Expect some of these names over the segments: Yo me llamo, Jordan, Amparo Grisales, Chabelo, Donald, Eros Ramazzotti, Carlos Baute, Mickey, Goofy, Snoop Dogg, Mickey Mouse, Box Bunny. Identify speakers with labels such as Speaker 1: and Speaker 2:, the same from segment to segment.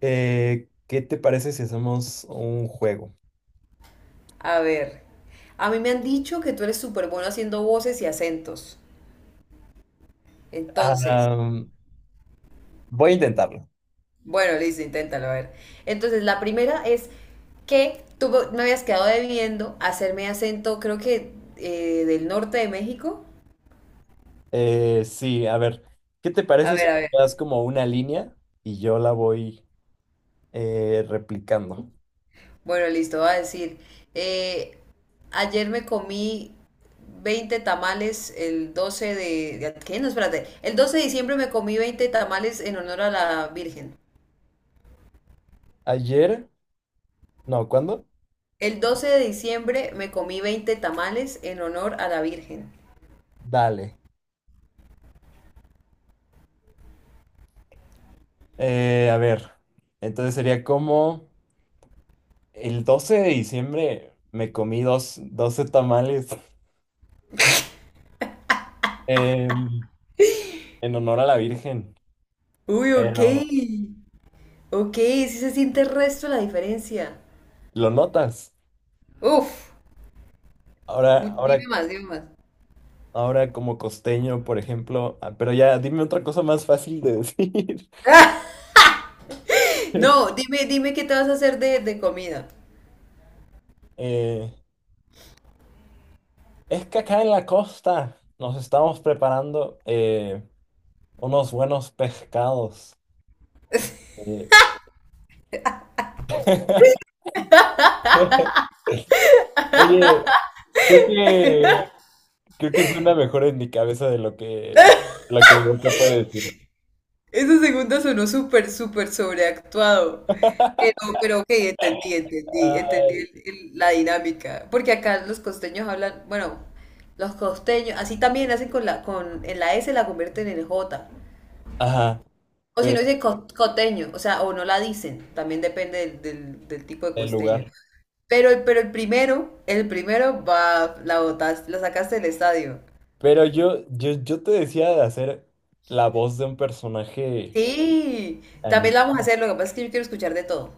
Speaker 1: ¿Qué te parece si hacemos un juego?
Speaker 2: A ver, a mí me han dicho que tú eres súper bueno haciendo voces y acentos. Entonces,
Speaker 1: Ah, Voy a intentarlo.
Speaker 2: bueno, listo, inténtalo, a ver. Entonces, la primera es que tú me habías quedado debiendo hacerme acento, creo que del norte de México.
Speaker 1: Sí, a ver, ¿qué te
Speaker 2: A
Speaker 1: parece si
Speaker 2: ver, a
Speaker 1: me
Speaker 2: ver.
Speaker 1: das como una línea y yo la voy replicando?
Speaker 2: Bueno, listo, va a decir, eh, ayer me comí 20 tamales el ¿Qué? No, espérate. El 12 de diciembre me comí 20 tamales en honor a la Virgen.
Speaker 1: Ayer, no, ¿cuándo?
Speaker 2: El 12 de diciembre me comí 20 tamales en honor a la Virgen.
Speaker 1: Dale. A ver, entonces sería como el 12 de diciembre me comí dos, 12 tamales em, en honor a la Virgen,
Speaker 2: Uy, ok.
Speaker 1: pero
Speaker 2: Ok, sí se siente el resto la diferencia.
Speaker 1: lo notas.
Speaker 2: Uf,
Speaker 1: Ahora,
Speaker 2: dime
Speaker 1: ahora
Speaker 2: más, dime más.
Speaker 1: ahora como costeño, por ejemplo, ah, pero ya dime otra cosa más fácil de decir.
Speaker 2: ¡Ah! No, dime, dime qué te vas a hacer de comida.
Speaker 1: Eh, es que acá en la costa nos estamos preparando unos buenos pescados. Eh, Oye, creo que creo que suena mejor en mi cabeza de lo que yo puede decir.
Speaker 2: Esa segunda sonó súper, súper sobreactuado. Pero ok, entendí la dinámica. Porque acá los costeños hablan, bueno, los costeños, así también hacen con con, en la S la convierten en J.
Speaker 1: Ajá,
Speaker 2: O si
Speaker 1: pero
Speaker 2: no dice coteño, o sea, o no la dicen, también depende del tipo de
Speaker 1: en
Speaker 2: costeño.
Speaker 1: lugar.
Speaker 2: Pero, pero el primero va, la botaste, la sacaste del estadio.
Speaker 1: Pero yo te decía de hacer la voz de un personaje
Speaker 2: Sí, también la vamos a
Speaker 1: animado.
Speaker 2: hacer, lo que pasa es que yo quiero escuchar de todo.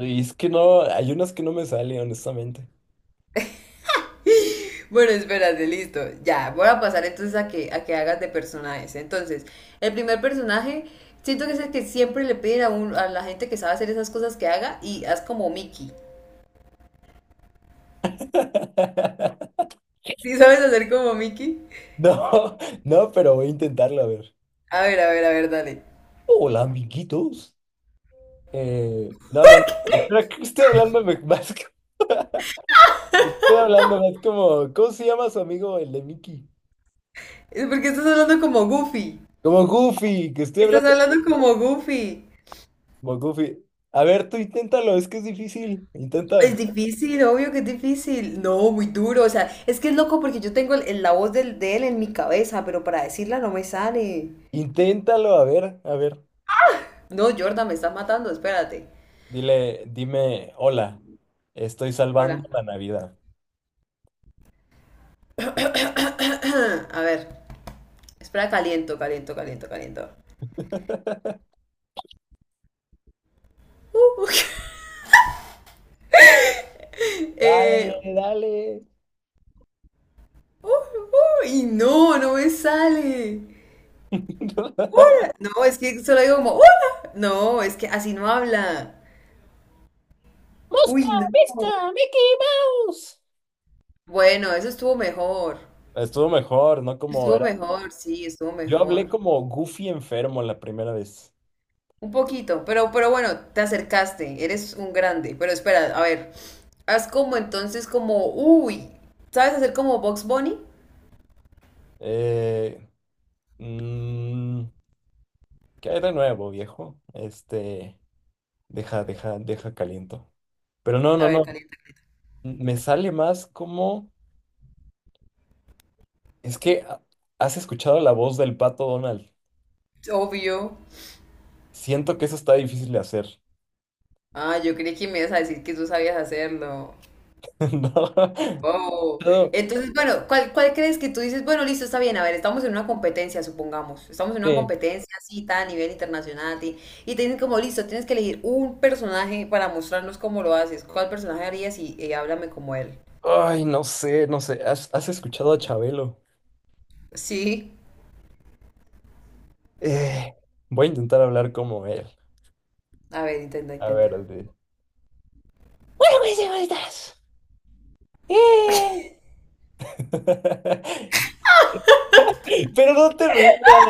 Speaker 1: Y es que no, hay unas que no me salen, honestamente.
Speaker 2: Bueno, espérate, listo. Ya, voy a pasar entonces a que hagas de personajes. Entonces, el primer personaje, siento que es el que siempre le piden a la gente que sabe hacer esas cosas que haga y haz como Mickey. ¿Sí sabes hacer como Mickey?
Speaker 1: No, no, pero voy a intentarlo a ver.
Speaker 2: A ver, a ver, a ver, dale.
Speaker 1: Hola, amiguitos. No. Espera, que estoy hablando me- más que- Estoy hablando más como. ¿Cómo se llama su amigo, el de Mickey?
Speaker 2: Es porque estás hablando como Goofy.
Speaker 1: Como Goofy, que estoy
Speaker 2: Estás
Speaker 1: hablando
Speaker 2: hablando como Goofy.
Speaker 1: como Goofy. A ver, tú inténtalo, es que es difícil.
Speaker 2: Es
Speaker 1: Intenta.
Speaker 2: difícil, obvio que es difícil. No, muy duro. O sea, es que es loco porque yo tengo la voz de él en mi cabeza, pero para decirla no me sale.
Speaker 1: Inténtalo, a ver.
Speaker 2: No, Jordan, me estás matando, espérate.
Speaker 1: Dile, dime, hola, estoy
Speaker 2: Hola.
Speaker 1: salvando la Navidad.
Speaker 2: A ver, espera, caliento, caliento, caliento, caliento. Uh,
Speaker 1: Dale,
Speaker 2: eh,
Speaker 1: dale.
Speaker 2: y no, no me sale. No, es que solo digo como, "Hola". No, es que así no habla. Uy, no.
Speaker 1: ¡Pesca! Mickey Mouse.
Speaker 2: Bueno, eso estuvo mejor.
Speaker 1: Estuvo mejor, ¿no? Como
Speaker 2: Estuvo
Speaker 1: era.
Speaker 2: mejor, sí, estuvo
Speaker 1: Yo hablé
Speaker 2: mejor.
Speaker 1: como Goofy enfermo la primera vez.
Speaker 2: Un poquito, pero bueno, te acercaste, eres un grande. Pero espera, a ver, haz como entonces como, uy, ¿sabes hacer como Box Bunny?
Speaker 1: Eh, mm, ¿Qué hay de nuevo, viejo? Este, deja caliento. Pero no,
Speaker 2: A
Speaker 1: no,
Speaker 2: ver,
Speaker 1: no.
Speaker 2: calienta.
Speaker 1: Me sale más como. Es que has escuchado la voz del pato Donald.
Speaker 2: Obvio.
Speaker 1: Siento que eso está difícil de hacer.
Speaker 2: Ah, yo creí que me ibas a decir que tú sabías hacerlo.
Speaker 1: ¿No?
Speaker 2: Oh,
Speaker 1: Todo-
Speaker 2: entonces, bueno, ¿cuál, cuál crees que tú dices? Bueno, listo, está bien, a ver, estamos en una competencia, supongamos, estamos en una
Speaker 1: sí.
Speaker 2: competencia así, tan a nivel internacional, y te dicen como, listo, tienes que elegir un personaje para mostrarnos cómo lo haces, ¿cuál personaje harías y, háblame como él?
Speaker 1: Ay, no sé, no sé. ¿Has escuchado a Chabelo?
Speaker 2: Sí,
Speaker 1: Eh, Voy a intentar hablar como él.
Speaker 2: a ver, intenta,
Speaker 1: A
Speaker 2: intenta.
Speaker 1: ver, Adriel. Bueno, pues, señoritas. Eh, Pero no te rías.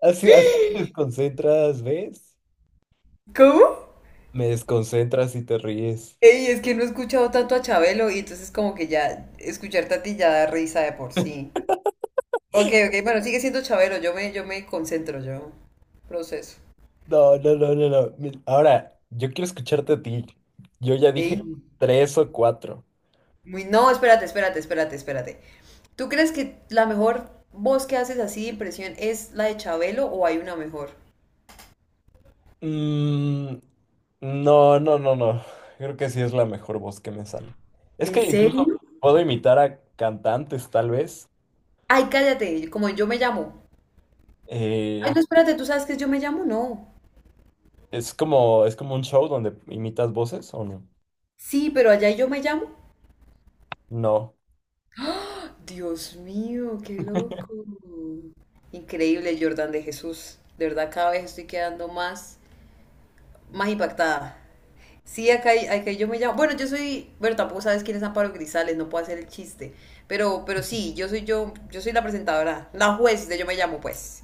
Speaker 1: Así te desconcentras, ¿ves?
Speaker 2: ¿Cómo?
Speaker 1: Me desconcentras y te ríes.
Speaker 2: Ey, es que no he escuchado tanto a Chabelo y entonces como que ya escucharte a ti ya da risa de por sí. Ok, ok, bueno, sigue siendo Chabelo, yo me concentro, yo proceso.
Speaker 1: No, no, no, no, no. Mi- Ahora, yo quiero escucharte a ti. Yo ya
Speaker 2: Ey.
Speaker 1: dije tres o cuatro.
Speaker 2: Muy, no, espérate, espérate, espérate, espérate. ¿Tú crees que la mejor voz que haces así de impresión es la de Chabelo o hay una mejor?
Speaker 1: Mm, no, no, no, no. Creo que sí es la mejor voz que me sale. Es
Speaker 2: ¿En
Speaker 1: que incluso
Speaker 2: serio?
Speaker 1: puedo imitar a cantantes, tal vez.
Speaker 2: Ay, cállate, como yo me llamo. Ay, no,
Speaker 1: Eh,
Speaker 2: espérate, ¿tú sabes que es yo me llamo? No.
Speaker 1: es como un show donde imitas voces, ¿o no?
Speaker 2: Sí, pero allá hay yo me llamo.
Speaker 1: No,
Speaker 2: Dios mío, qué loco. Increíble, Jordan de Jesús. De verdad, cada vez estoy quedando más, más impactada. Sí, acá, acá yo me llamo. Bueno, yo soy. Bueno, tampoco sabes quién es Amparo Grisales, no puedo hacer el chiste. Pero sí, yo soy la presentadora, la juez de Yo me llamo, pues.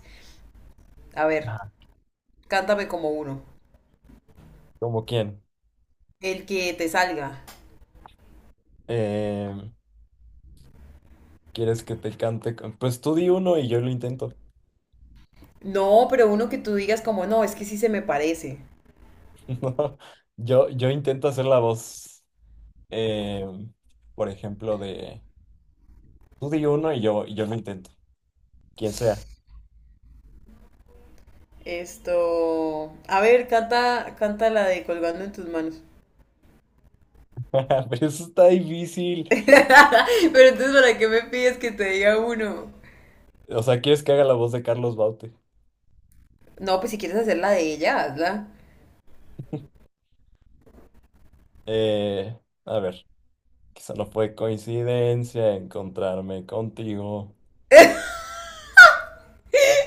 Speaker 2: A ver, cántame como uno.
Speaker 1: ¿como quién?
Speaker 2: El que te salga.
Speaker 1: Eh, ¿Quieres que te cante? Con- Pues tú di uno y yo lo intento.
Speaker 2: No, pero uno que tú digas como, no, es que sí se me parece.
Speaker 1: No, yo intento hacer la voz, eh, por ejemplo, de tú di uno y yo lo intento, quien sea.
Speaker 2: Esto. A ver, canta, canta la de colgando en tus manos.
Speaker 1: Pero eso está difícil.
Speaker 2: Pero entonces, ¿para qué me pides que te diga uno?
Speaker 1: O sea, ¿quieres que haga la voz de Carlos Baute?
Speaker 2: No, pues si quieres hacer la de ella, hazla.
Speaker 1: Eh, a ver, quizá no fue coincidencia encontrarme contigo.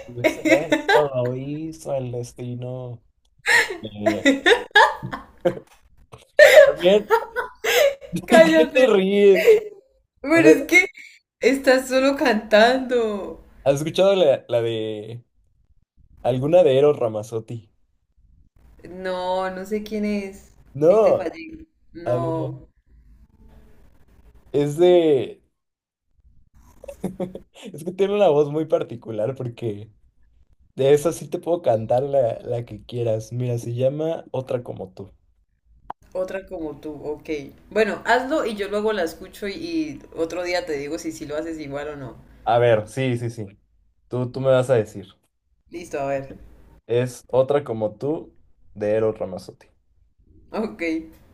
Speaker 1: Pues esto lo hizo el destino. Eh, también, ¿qué
Speaker 2: Cállate.
Speaker 1: te ríes? A
Speaker 2: Pero
Speaker 1: ver,
Speaker 2: es que estás solo cantando.
Speaker 1: ¿has escuchado la de alguna de Eros Ramazzotti?
Speaker 2: No, no sé quién es. Ahí te
Speaker 1: No,
Speaker 2: fallé.
Speaker 1: a ver,
Speaker 2: No,
Speaker 1: es de... Es que tiene una voz muy particular porque de esa sí te puedo cantar la que quieras. Mira, se llama Otra como tú.
Speaker 2: otra como tú, ok. Bueno, hazlo y yo luego la escucho y otro día te digo si, si lo haces igual o no.
Speaker 1: A ver, sí, sí, sí. Tú me vas a decir.
Speaker 2: Listo, a ver.
Speaker 1: Es Otra como tú de Eros Ramazzotti.
Speaker 2: Ok,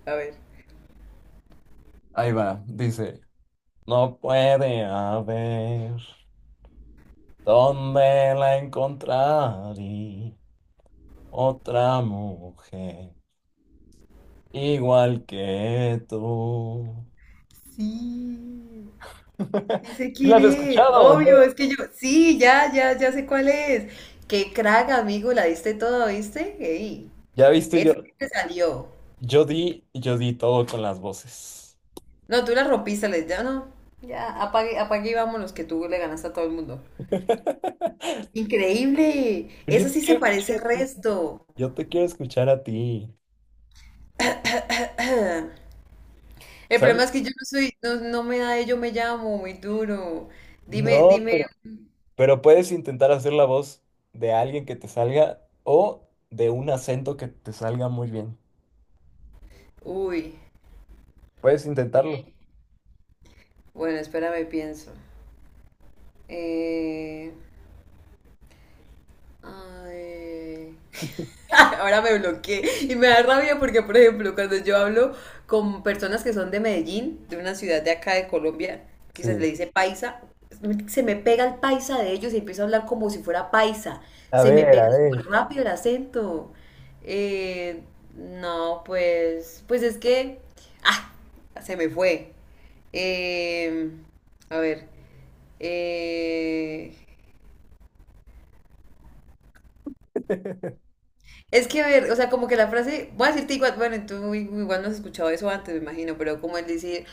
Speaker 2: a ver.
Speaker 1: Ahí va, dice. No puede haber dónde la encontraré otra mujer. Igual que tú.
Speaker 2: Sí, sí sé
Speaker 1: ¿Sí
Speaker 2: quién
Speaker 1: ¿Las has
Speaker 2: es.
Speaker 1: escuchado o no?
Speaker 2: Obvio, es que yo. Sí, ya sé cuál es. Qué crack, amigo, la diste toda, ¿viste? Ey,
Speaker 1: Ya viste, yo,
Speaker 2: esa sí te salió.
Speaker 1: yo di todo con las voces.
Speaker 2: No, tú la rompiste, le ya no. Ya, apague, apague y vámonos, que tú le ganaste a todo el mundo. Increíble,
Speaker 1: Pero yo
Speaker 2: esa
Speaker 1: te
Speaker 2: sí se
Speaker 1: quiero escuchar
Speaker 2: parece al
Speaker 1: a ti.
Speaker 2: resto.
Speaker 1: Yo te quiero escuchar a ti.
Speaker 2: El
Speaker 1: ¿Sabes?
Speaker 2: problema es que yo no soy, no, no me da de yo me llamo, muy duro. Dime,
Speaker 1: No,
Speaker 2: dime,
Speaker 1: pero puedes intentar hacer la voz de alguien que te salga o de un acento que te salga muy bien.
Speaker 2: uy,
Speaker 1: Puedes intentarlo.
Speaker 2: bueno, espérame, pienso. Eh, Ay. Ahora me bloqueé y me da rabia porque, por ejemplo, cuando yo hablo con personas que son de Medellín, de una ciudad de acá de Colombia, que se le
Speaker 1: Sí.
Speaker 2: dice paisa, se me pega el paisa de ellos y empiezo a hablar como si fuera paisa.
Speaker 1: A
Speaker 2: Se me
Speaker 1: ver, a
Speaker 2: pega súper
Speaker 1: ver.
Speaker 2: rápido el acento. Eh, no, pues es que, ah, se me fue. Eh, a ver. Eh, Es que, a ver, o sea, como que la frase, voy a decirte igual, bueno, tú igual no has escuchado eso antes, me imagino, pero como el decir,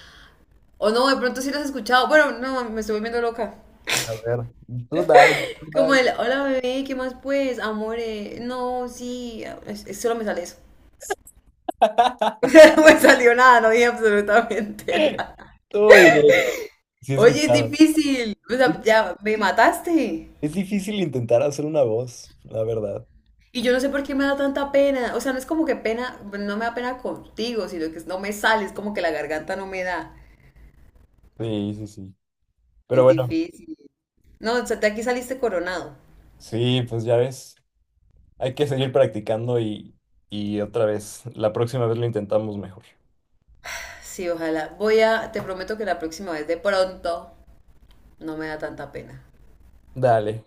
Speaker 2: o no, de pronto sí lo has escuchado, bueno, no, me estoy volviendo loca.
Speaker 1: A ver. Tú dale, tú
Speaker 2: Como el,
Speaker 1: dale.
Speaker 2: hola bebé, ¿qué más pues? Amore, no, sí, solo me sale eso. No me salió nada, no dije absolutamente nada.
Speaker 1: Tú bien. Sí, he
Speaker 2: Oye, es
Speaker 1: escuchado.
Speaker 2: difícil, o
Speaker 1: Es
Speaker 2: sea, ya me
Speaker 1: difícil,
Speaker 2: mataste.
Speaker 1: es difícil intentar hacer una voz, la verdad.
Speaker 2: Y yo no sé por qué me da tanta pena, o sea, no es como que pena, no me da pena contigo, sino que no me sale, es como que la garganta no me da,
Speaker 1: Sí, sí, sí. Pero
Speaker 2: es
Speaker 1: bueno,
Speaker 2: difícil. No, o sea, de aquí saliste coronado.
Speaker 1: sí, pues ya ves, hay que seguir practicando y otra vez, la próxima vez lo intentamos mejor.
Speaker 2: Sí, ojalá. Voy a, te prometo que la próxima vez de pronto no me da tanta pena.
Speaker 1: Dale,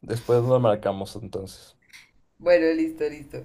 Speaker 1: después nos marcamos entonces.
Speaker 2: Bueno, listo, listo.